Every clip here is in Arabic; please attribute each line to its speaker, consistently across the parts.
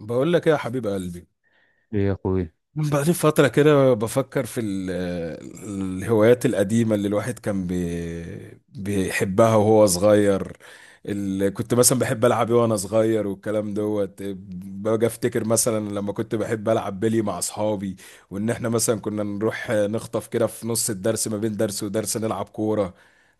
Speaker 1: بقول لك ايه يا حبيب قلبي.
Speaker 2: ايه يا اخوي.
Speaker 1: بقالي فترة كده بفكر في الهوايات القديمة اللي الواحد كان بيحبها وهو صغير، اللي كنت مثلا بحب ألعب إيه وأنا صغير والكلام دوت. باجي أفتكر مثلا لما كنت بحب ألعب بلي مع أصحابي، وإن إحنا مثلا كنا نروح نخطف كده في نص الدرس، ما بين درس ودرس نلعب كورة.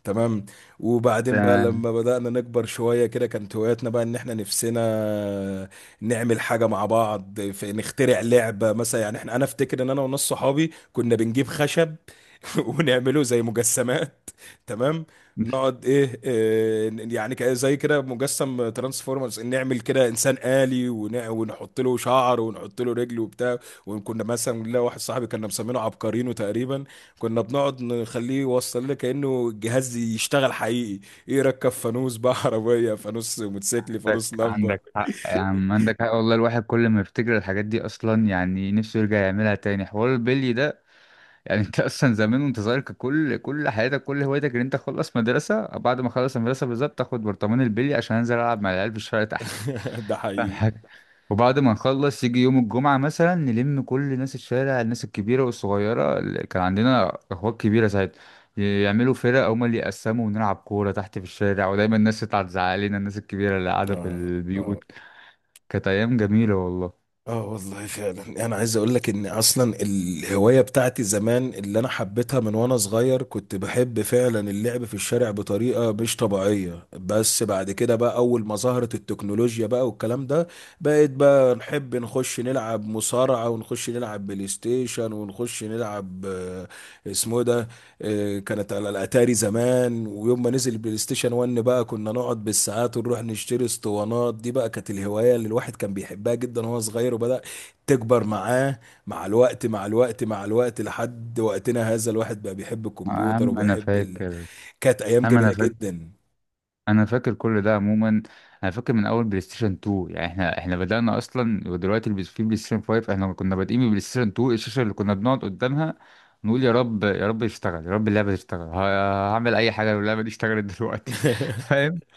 Speaker 1: تمام. وبعدين بقى
Speaker 2: ده.
Speaker 1: لما بدأنا نكبر شوية كده كانت هواياتنا بقى إن إحنا نفسنا نعمل حاجة مع بعض، في نخترع لعبة مثلا. يعني احنا، انا افتكر ان انا وناس صحابي كنا بنجيب خشب ونعمله زي مجسمات. تمام.
Speaker 2: مش.
Speaker 1: نقعد ايه, إيه يعني زي كده مجسم ترانسفورمرز، نعمل كده انسان آلي ونحط له شعر ونحط له رجل وبتاع. وكنا مثلا، لا واحد صاحبي كنا مسمينه عبقرينو تقريبا، كنا بنقعد نخليه يوصل لنا كأنه الجهاز يشتغل حقيقي. يركب فانوس بقى عربية فانوس، موتوسيكل
Speaker 2: عندك
Speaker 1: فانوس، لمبة.
Speaker 2: عندك حق يا عم، عندك حق والله، الواحد كل ما يفتكر الحاجات دي اصلا يعني نفسه يرجع يعملها تاني، حوار البلي ده. يعني انت اصلا زمان وانت صغير كان كل حياتك كل هوايتك ان انت تخلص مدرسه، بعد ما خلص المدرسه بالظبط تاخد برطمان البلي عشان انزل العب مع العيال في الشارع تحت.
Speaker 1: ده
Speaker 2: فاهم
Speaker 1: حقيقي.
Speaker 2: حاجه؟ وبعد ما نخلص يجي يوم الجمعة مثلا نلم كل ناس الشارع، الناس الكبيرة والصغيرة اللي كان عندنا أخوات كبيرة ساعتها يعملوا فرق، هما اللي يقسموا ونلعب كورة تحت في الشارع، ودايما الناس تطلع تزعق لنا، الناس الكبيرة اللي قاعدة في
Speaker 1: اه. اه.
Speaker 2: البيوت. كانت أيام جميلة والله.
Speaker 1: اه والله فعلا. انا عايز اقول لك ان اصلا الهوايه بتاعتي زمان اللي انا حبيتها من وانا صغير كنت بحب فعلا اللعب في الشارع بطريقه مش طبيعيه. بس بعد كده بقى اول ما ظهرت التكنولوجيا بقى والكلام ده، بقيت بقى نحب نخش نلعب مصارعه، ونخش نلعب بلاي ستيشن، ونخش نلعب اسمه إيه ده، كانت على الاتاري زمان. ويوم ما نزل البلاي ستيشن 1 بقى كنا نقعد بالساعات، ونروح نشتري اسطوانات. دي بقى كانت الهوايه اللي الواحد كان بيحبها جدا وهو صغير، وبدا تكبر معاه مع الوقت مع الوقت مع الوقت لحد وقتنا هذا. الواحد بقى بيحب الكمبيوتر
Speaker 2: أهم أنا
Speaker 1: وبيحب
Speaker 2: فاكر
Speaker 1: كانت ايام
Speaker 2: أهم
Speaker 1: جميله
Speaker 2: أنا فاكر
Speaker 1: جدا.
Speaker 2: انا فاكر كل ده عموما. انا فاكر من اول بلاي ستيشن 2 يعني احنا بدأنا اصلا، ودلوقتي في بلاي ستيشن 5، احنا كنا بادئين ببلاي ستيشن 2. الشاشة اللي كنا بنقعد قدامها نقول يا رب يا رب يشتغل، يا رب اللعبة تشتغل. هعمل اي حاجة لو اللعبة دي اشتغلت دلوقتي. فاهم؟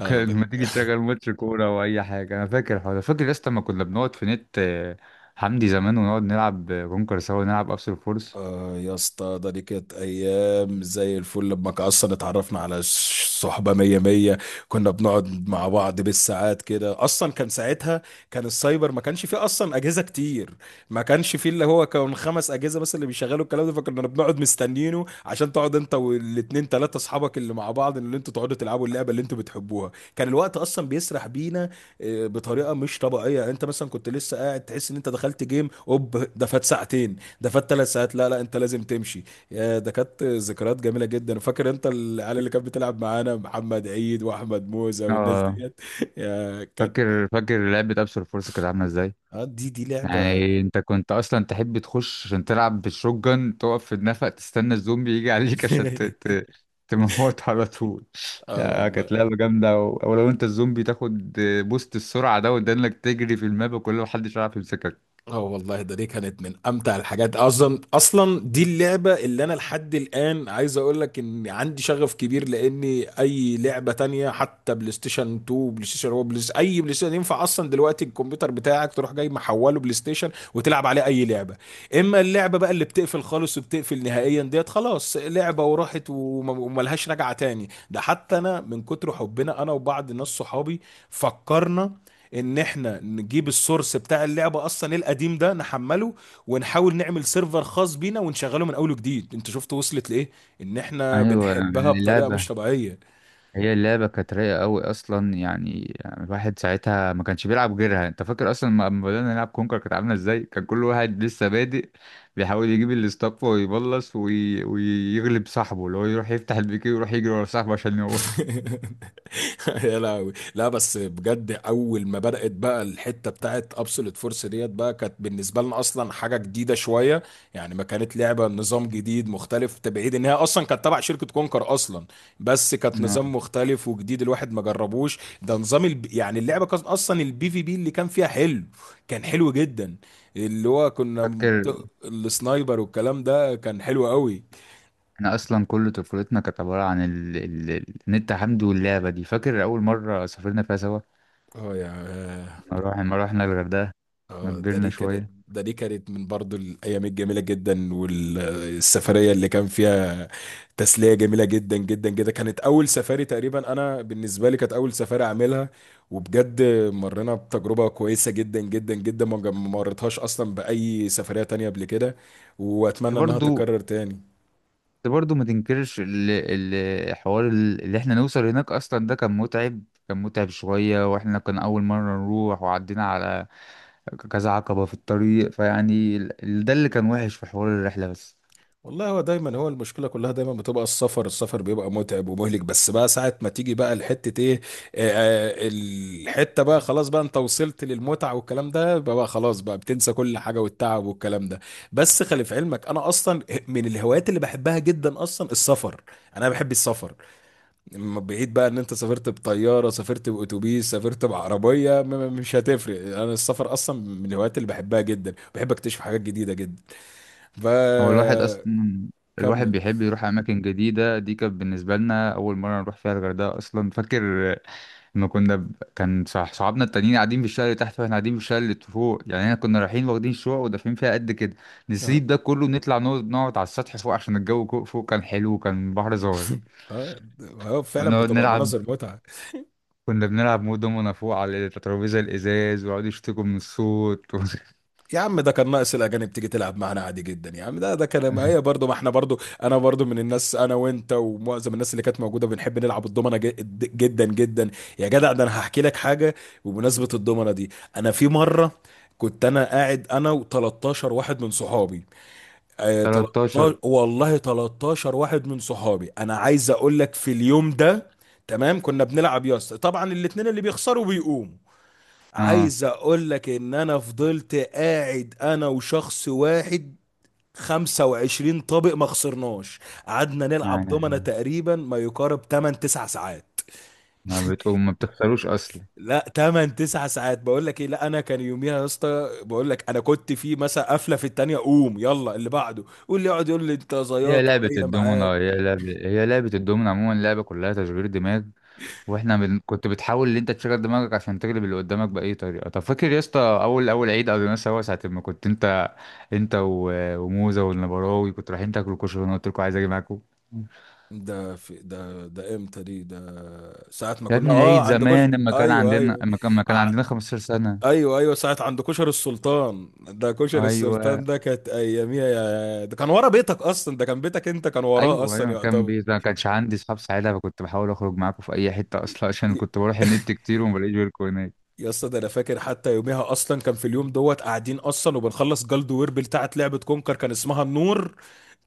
Speaker 1: اه.
Speaker 2: كان لما تيجي تشغل ماتش كورة او اي حاجة، انا فاكر الحوار ده، فاكر يا اسطى لما كنا بنقعد في نت آه، حمدي زمان، ونقعد نلعب كونكر سوا ونلعب ابسول فورس.
Speaker 1: آه يا اسطى، ده دي كانت ايام زي الفل. لما اصلا اتعرفنا على صحبه مية مية، كنا بنقعد مع بعض بالساعات كده. اصلا كان ساعتها كان السايبر، ما كانش فيه اصلا اجهزه كتير. ما كانش فيه، اللي هو كان خمس اجهزه بس اللي بيشغلوا الكلام ده، فكنا بنقعد مستنينه عشان تقعد انت والاتنين تلاته اصحابك اللي مع بعض اللي انتوا تقعدوا تلعبوا اللعبه اللي انتوا بتحبوها. كان الوقت اصلا بيسرح بينا بطريقه مش طبيعيه. يعني انت مثلا كنت لسه قاعد، تحس ان انت دخلت جيم اوب، ده فات ساعتين، ده فات ثلاث ساعات. لا انت لازم تمشي. يا ده كانت ذكريات جميله جدا. فاكر انت العيال اللي كانت بتلعب معانا؟ محمد عيد، واحمد موزه، والناس
Speaker 2: اه،
Speaker 1: ديت. يا كانت.
Speaker 2: فاكر لعبة ابسول فورس كانت عاملة ازاي.
Speaker 1: اه دي لعبه.
Speaker 2: يعني انت كنت اصلا تحب تخش عشان تلعب بالشوتجن، تقف في النفق تستنى الزومبي يجي عليك عشان تموت على طول.
Speaker 1: اه
Speaker 2: آه،
Speaker 1: والله.
Speaker 2: كانت لعبة جامدة ولو انت الزومبي تاخد بوست السرعة ده، وده انك تجري في الماب وكل ما حدش يعرف يمسكك.
Speaker 1: اه والله، ده دي كانت من امتع الحاجات اصلا. اصلا دي اللعبه اللي انا لحد الان عايز اقول لك ان عندي شغف كبير، لاني اي لعبه تانية حتى بلاي ستيشن 2، بلاي ستيشن 1، بلاي ستيشن اي بلاي ستيشن، ينفع اصلا دلوقتي الكمبيوتر بتاعك تروح جاي محوله بلاي ستيشن وتلعب عليه اي لعبه. اما اللعبه بقى اللي بتقفل خالص وبتقفل نهائيا ديت، خلاص لعبه وراحت وملهاش رجعه تاني. ده حتى انا من كتر حبنا، انا وبعض ناس صحابي، فكرنا ان احنا نجيب السورس بتاع اللعبه اصلا القديم ده، نحمله ونحاول نعمل سيرفر خاص بينا ونشغله من اول وجديد. انت شفت وصلت لايه؟ ان احنا
Speaker 2: ايوه،
Speaker 1: بنحبها بطريقه مش
Speaker 2: اللعبة
Speaker 1: طبيعيه.
Speaker 2: هي اللعبة كانت رايقة قوي أصلا، يعني الواحد ساعتها ما كانش بيلعب غيرها. أنت فاكر أصلا لما بدأنا نلعب كونكر كانت عاملة إزاي؟ كان كل واحد لسه بادئ بيحاول يجيب الاستاف ويبلص ويغلب صاحبه، اللي هو يروح يفتح البيكي ويروح يجري ورا صاحبه عشان يموت.
Speaker 1: يا لهوي. لا بس بجد، اول ما بدات بقى الحته بتاعت ابسولوت فورس ديت بقى، كانت بالنسبه لنا اصلا حاجه جديده شويه. يعني ما كانت لعبه نظام جديد مختلف، تبعيد ان هي اصلا كانت تبع شركه كونكر اصلا، بس كانت
Speaker 2: آه.
Speaker 1: نظام مختلف وجديد. الواحد ما جربوش ده. نظام يعني اللعبه كانت اصلا البي في بي اللي كان فيها حلو، كان حلو جدا. اللي هو كنا
Speaker 2: فاكر.
Speaker 1: بت- السنايبر والكلام ده كان حلو قوي.
Speaker 2: احنا اصلا كل طفولتنا كانت عباره عن النت حمد واللعبه دي. فاكر اول مره سافرنا فيها سوا،
Speaker 1: اه يا
Speaker 2: لما رحنا الغردقه. ما
Speaker 1: اه، ده
Speaker 2: كبرنا
Speaker 1: دي كانت
Speaker 2: شويه.
Speaker 1: ده دي كانت من برضو الايام الجميله جدا. والسفريه اللي كان فيها تسليه جميله جدا جدا جدا، كانت اول سفاري تقريبا انا بالنسبه لي، كانت اول سفاري اعملها. وبجد مرينا بتجربه كويسه جدا جدا جدا، ما مريتهاش اصلا باي سفريه تانية قبل كده. واتمنى انها
Speaker 2: برضو.
Speaker 1: تتكرر تاني.
Speaker 2: بس برضه ما تنكرش الحوار اللي احنا نوصل هناك اصلا، ده كان متعب، كان متعب شوية، واحنا كان اول مرة نروح وعدينا على كذا عقبة في الطريق، فيعني ده اللي كان وحش في حوار الرحلة بس.
Speaker 1: والله هو دايما، هو المشكله كلها دايما بتبقى السفر. السفر بيبقى متعب ومهلك، بس بقى ساعه ما تيجي بقى الحته ايه، آه، الحته بقى خلاص، بقى انت وصلت للمتعه والكلام ده بقى, بقى خلاص بقى بتنسى كل حاجه والتعب والكلام ده. بس خلي في علمك، انا اصلا من الهوايات اللي بحبها جدا اصلا السفر. انا بحب السفر. بعيد بقى ان انت سافرت بطياره، سافرت باتوبيس، سافرت بعربيه، مش هتفرق. انا السفر اصلا من الهوايات اللي بحبها جدا. بحب اكتشف حاجات جديده جدا،
Speaker 2: هو الواحد
Speaker 1: فكمل.
Speaker 2: اصلا، الواحد بيحب يروح اماكن جديدة، دي كانت بالنسبة لنا اول مرة نروح فيها الغردقة اصلا. فاكر ما كنا كان صح، صحابنا التانيين قاعدين في الشارع اللي تحت واحنا قاعدين في الشارع اللي فوق، يعني احنا كنا رايحين واخدين شقق ودافعين فيها قد كده
Speaker 1: اه.
Speaker 2: نسيب ده كله ونطلع نقعد على السطح فوق عشان الجو فوق كان حلو وكان البحر ظاهر.
Speaker 1: اه. فعلا
Speaker 2: نقعد
Speaker 1: بتبقى
Speaker 2: نلعب،
Speaker 1: مناظر متعه.
Speaker 2: كنا بنلعب مود دومنا فوق على الترابيزة الإزاز، ويقعدوا يشتكوا من الصوت
Speaker 1: يا عم ده كان ناقص الاجانب تيجي تلعب معانا عادي جدا. يا عم ده ده كان، ما هي برضه ما احنا برضه، انا برضه من الناس، انا وانت ومعظم الناس اللي كانت موجوده بنحب نلعب الضمنه جدا جدا. يا جدع، ده انا هحكي لك حاجه بمناسبه الضمنه دي. انا في مره كنت انا قاعد انا و13 واحد من صحابي. آه
Speaker 2: 13.
Speaker 1: 13 والله، 13 واحد من صحابي. انا عايز اقول لك في اليوم ده، تمام، كنا بنلعب يا اسطى. طبعا الاتنين اللي بيخسروا بيقوموا.
Speaker 2: اه.
Speaker 1: عايز اقول لك ان انا فضلت قاعد انا وشخص واحد 25 طابق ما خسرناش. قعدنا نلعب دومنا
Speaker 2: يعني
Speaker 1: تقريبا ما يقارب 8 9 ساعات.
Speaker 2: ما بتقوم، ما بتخسروش أصلا.
Speaker 1: لا 8 9 ساعات بقول لك ايه. لا انا كان يوميها يا اسطى بقول لك، انا كنت في مثلا قفله في التانية قوم يلا اللي بعده، واللي يقعد يقول لي انت زياط وجايه معاك.
Speaker 2: هي لعبة الدومنة عموما لعبة كلها تشغيل دماغ. واحنا كنت بتحاول ان انت تشغل دماغك عشان تغلب اللي قدامك باي طريقه. طب فاكر يا اسطى اول عيد قضيناه سوا، ساعه ما كنت انت، انت وموزه والنبراوي كنت رايحين تاكلوا كشري وانا قلت لكم عايز اجي معاكم.
Speaker 1: ده في، ده ده امتى دي، ده ساعة ما
Speaker 2: يا
Speaker 1: كنا
Speaker 2: ابني
Speaker 1: اه
Speaker 2: العيد
Speaker 1: عندكوش.
Speaker 2: زمان،
Speaker 1: ايوه ايوه.
Speaker 2: لما كان عندنا 15 سنه.
Speaker 1: ايوه ايوه. ساعه عند كشر السلطان ده. كشر السلطان
Speaker 2: ايوه،
Speaker 1: ده كانت اياميها. يا ده كان ورا بيتك اصلا، ده كان بيتك انت كان وراه
Speaker 2: ايوه،
Speaker 1: اصلا
Speaker 2: ايوه، كان
Speaker 1: يعتبر.
Speaker 2: بيت، ما كانش عندي اصحاب ساعتها، فكنت بحاول اخرج معاكم في اي حته اصلا، عشان كنت بروح النت كتير وما بلاقيش غيركم هناك.
Speaker 1: يا اسطى ده انا فاكر حتى يوميها، اصلا كان في اليوم دوت قاعدين اصلا وبنخلص جلد ويربل بتاعت لعبه كونكر كان اسمها النور.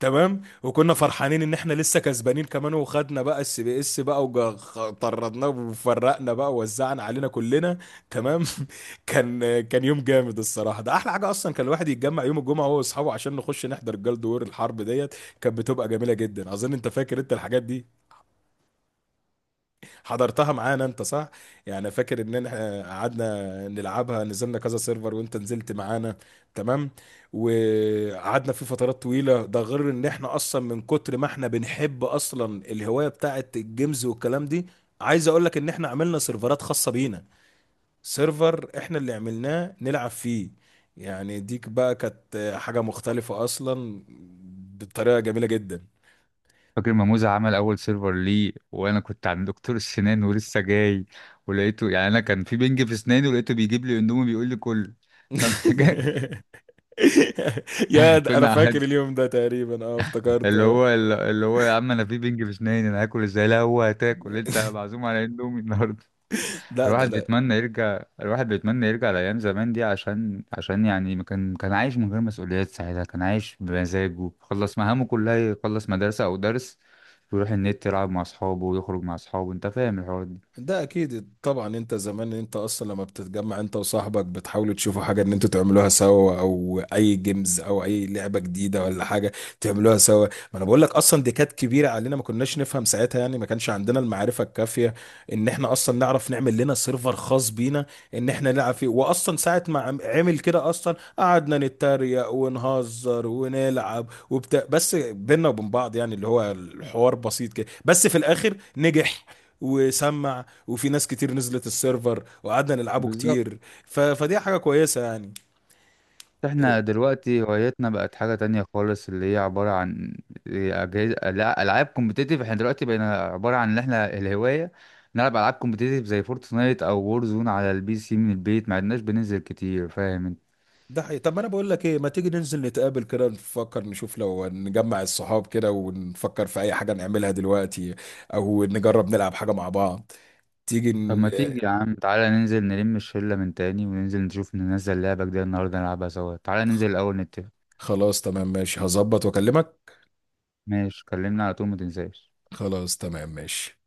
Speaker 1: تمام. وكنا فرحانين ان احنا لسه كسبانين كمان، وخدنا بقى السي بي اس بقى وطردناه وفرقنا بقى ووزعنا علينا كلنا. تمام. كان كان يوم جامد الصراحه. ده احلى حاجه اصلا، كان الواحد يتجمع يوم الجمعه هو واصحابه عشان نخش نحضر جلد وير الحرب ديت. كانت بتبقى جميله جدا. اظن انت فاكر انت الحاجات دي، حضرتها معانا انت صح؟ يعني فاكر ان احنا قعدنا نلعبها، نزلنا كذا سيرفر وانت نزلت معانا. تمام. وقعدنا في فترات طويلة. ده غير ان احنا اصلا من كتر ما احنا بنحب اصلا الهواية بتاعت الجيمز والكلام دي، عايز اقول لك ان احنا عملنا سيرفرات خاصة بينا. سيرفر احنا اللي عملناه نلعب فيه. يعني ديك بقى كانت حاجة مختلفة اصلا بطريقة جميلة جدا.
Speaker 2: فاكر ما موزة عمل أول سيرفر ليه؟ وأنا كنت عند دكتور السنان ولسه جاي، ولقيته يعني أنا كان في بنج في أسناني، ولقيته بيجيب لي أندومي بيقول لي كل. فاهم حاجة؟
Speaker 1: يا ده انا
Speaker 2: كنا
Speaker 1: فاكر
Speaker 2: قاعدين،
Speaker 1: اليوم ده تقريبا. اه
Speaker 2: اللي
Speaker 1: افتكرته.
Speaker 2: هو اللي هو يا عم، أنا في بنج في أسناني أنا هاكل إزاي؟ لا، هو هتاكل أنت، معزوم على أندومي النهاردة.
Speaker 1: لا ده
Speaker 2: الواحد
Speaker 1: ده.
Speaker 2: بيتمنى يرجع، الواحد بيتمنى يرجع لأيام زمان دي، عشان يعني ما كان، كان عايش من غير مسؤوليات ساعتها، كان عايش بمزاجه، خلص مهامه كلها، يخلص مدرسة أو درس ويروح النت يلعب مع أصحابه ويخرج مع أصحابه. أنت فاهم الحوار ده؟
Speaker 1: ده اكيد طبعا. انت زمان انت اصلا لما بتتجمع انت وصاحبك بتحاولوا تشوفوا حاجه ان انتوا تعملوها سوا، او اي جيمز او اي لعبه جديده ولا حاجه تعملوها سوا. ما انا بقول لك اصلا دي كانت كبيره علينا، ما كناش نفهم ساعتها. يعني ما كانش عندنا المعرفه الكافيه ان احنا اصلا نعرف نعمل لنا سيرفر خاص بينا ان احنا نلعب فيه. واصلا ساعه ما عمل كده، اصلا قعدنا نتريق ونهزر ونلعب وبتاع بس بينا وبين بعض. يعني اللي هو الحوار بسيط كده، بس في الاخر نجح وسمع، وفي ناس كتير نزلت السيرفر وقعدنا نلعبه
Speaker 2: بالظبط.
Speaker 1: كتير. فدي حاجة كويسة يعني. إيه،
Speaker 2: احنا دلوقتي هوايتنا بقت حاجة تانية خالص، اللي هي عبارة عن أجهزة، لا، ألعاب كومبتيتيف. احنا دلوقتي بقينا عبارة عن إن احنا الهواية نلعب ألعاب كومبتيتيف زي فورتنايت أو وور زون على البي سي من البيت، ما عدناش بننزل كتير. فاهم انت؟
Speaker 1: ده حقيقي. طب ما انا بقول لك ايه، ما تيجي ننزل نتقابل كده، نفكر نشوف لو نجمع الصحاب كده ونفكر في اي حاجة نعملها دلوقتي، او نجرب نلعب حاجة مع بعض. تيجي
Speaker 2: طب ما تيجي يا عم تعالى ننزل نلم الشلة من تاني وننزل نشوف، ننزل لعبة جديدة النهاردة نلعبها سوا. تعالى ننزل الأول نتفق.
Speaker 1: خلاص تمام ماشي، هظبط واكلمك.
Speaker 2: ماشي، كلمنا على طول، ما تنساش.
Speaker 1: خلاص تمام ماشي.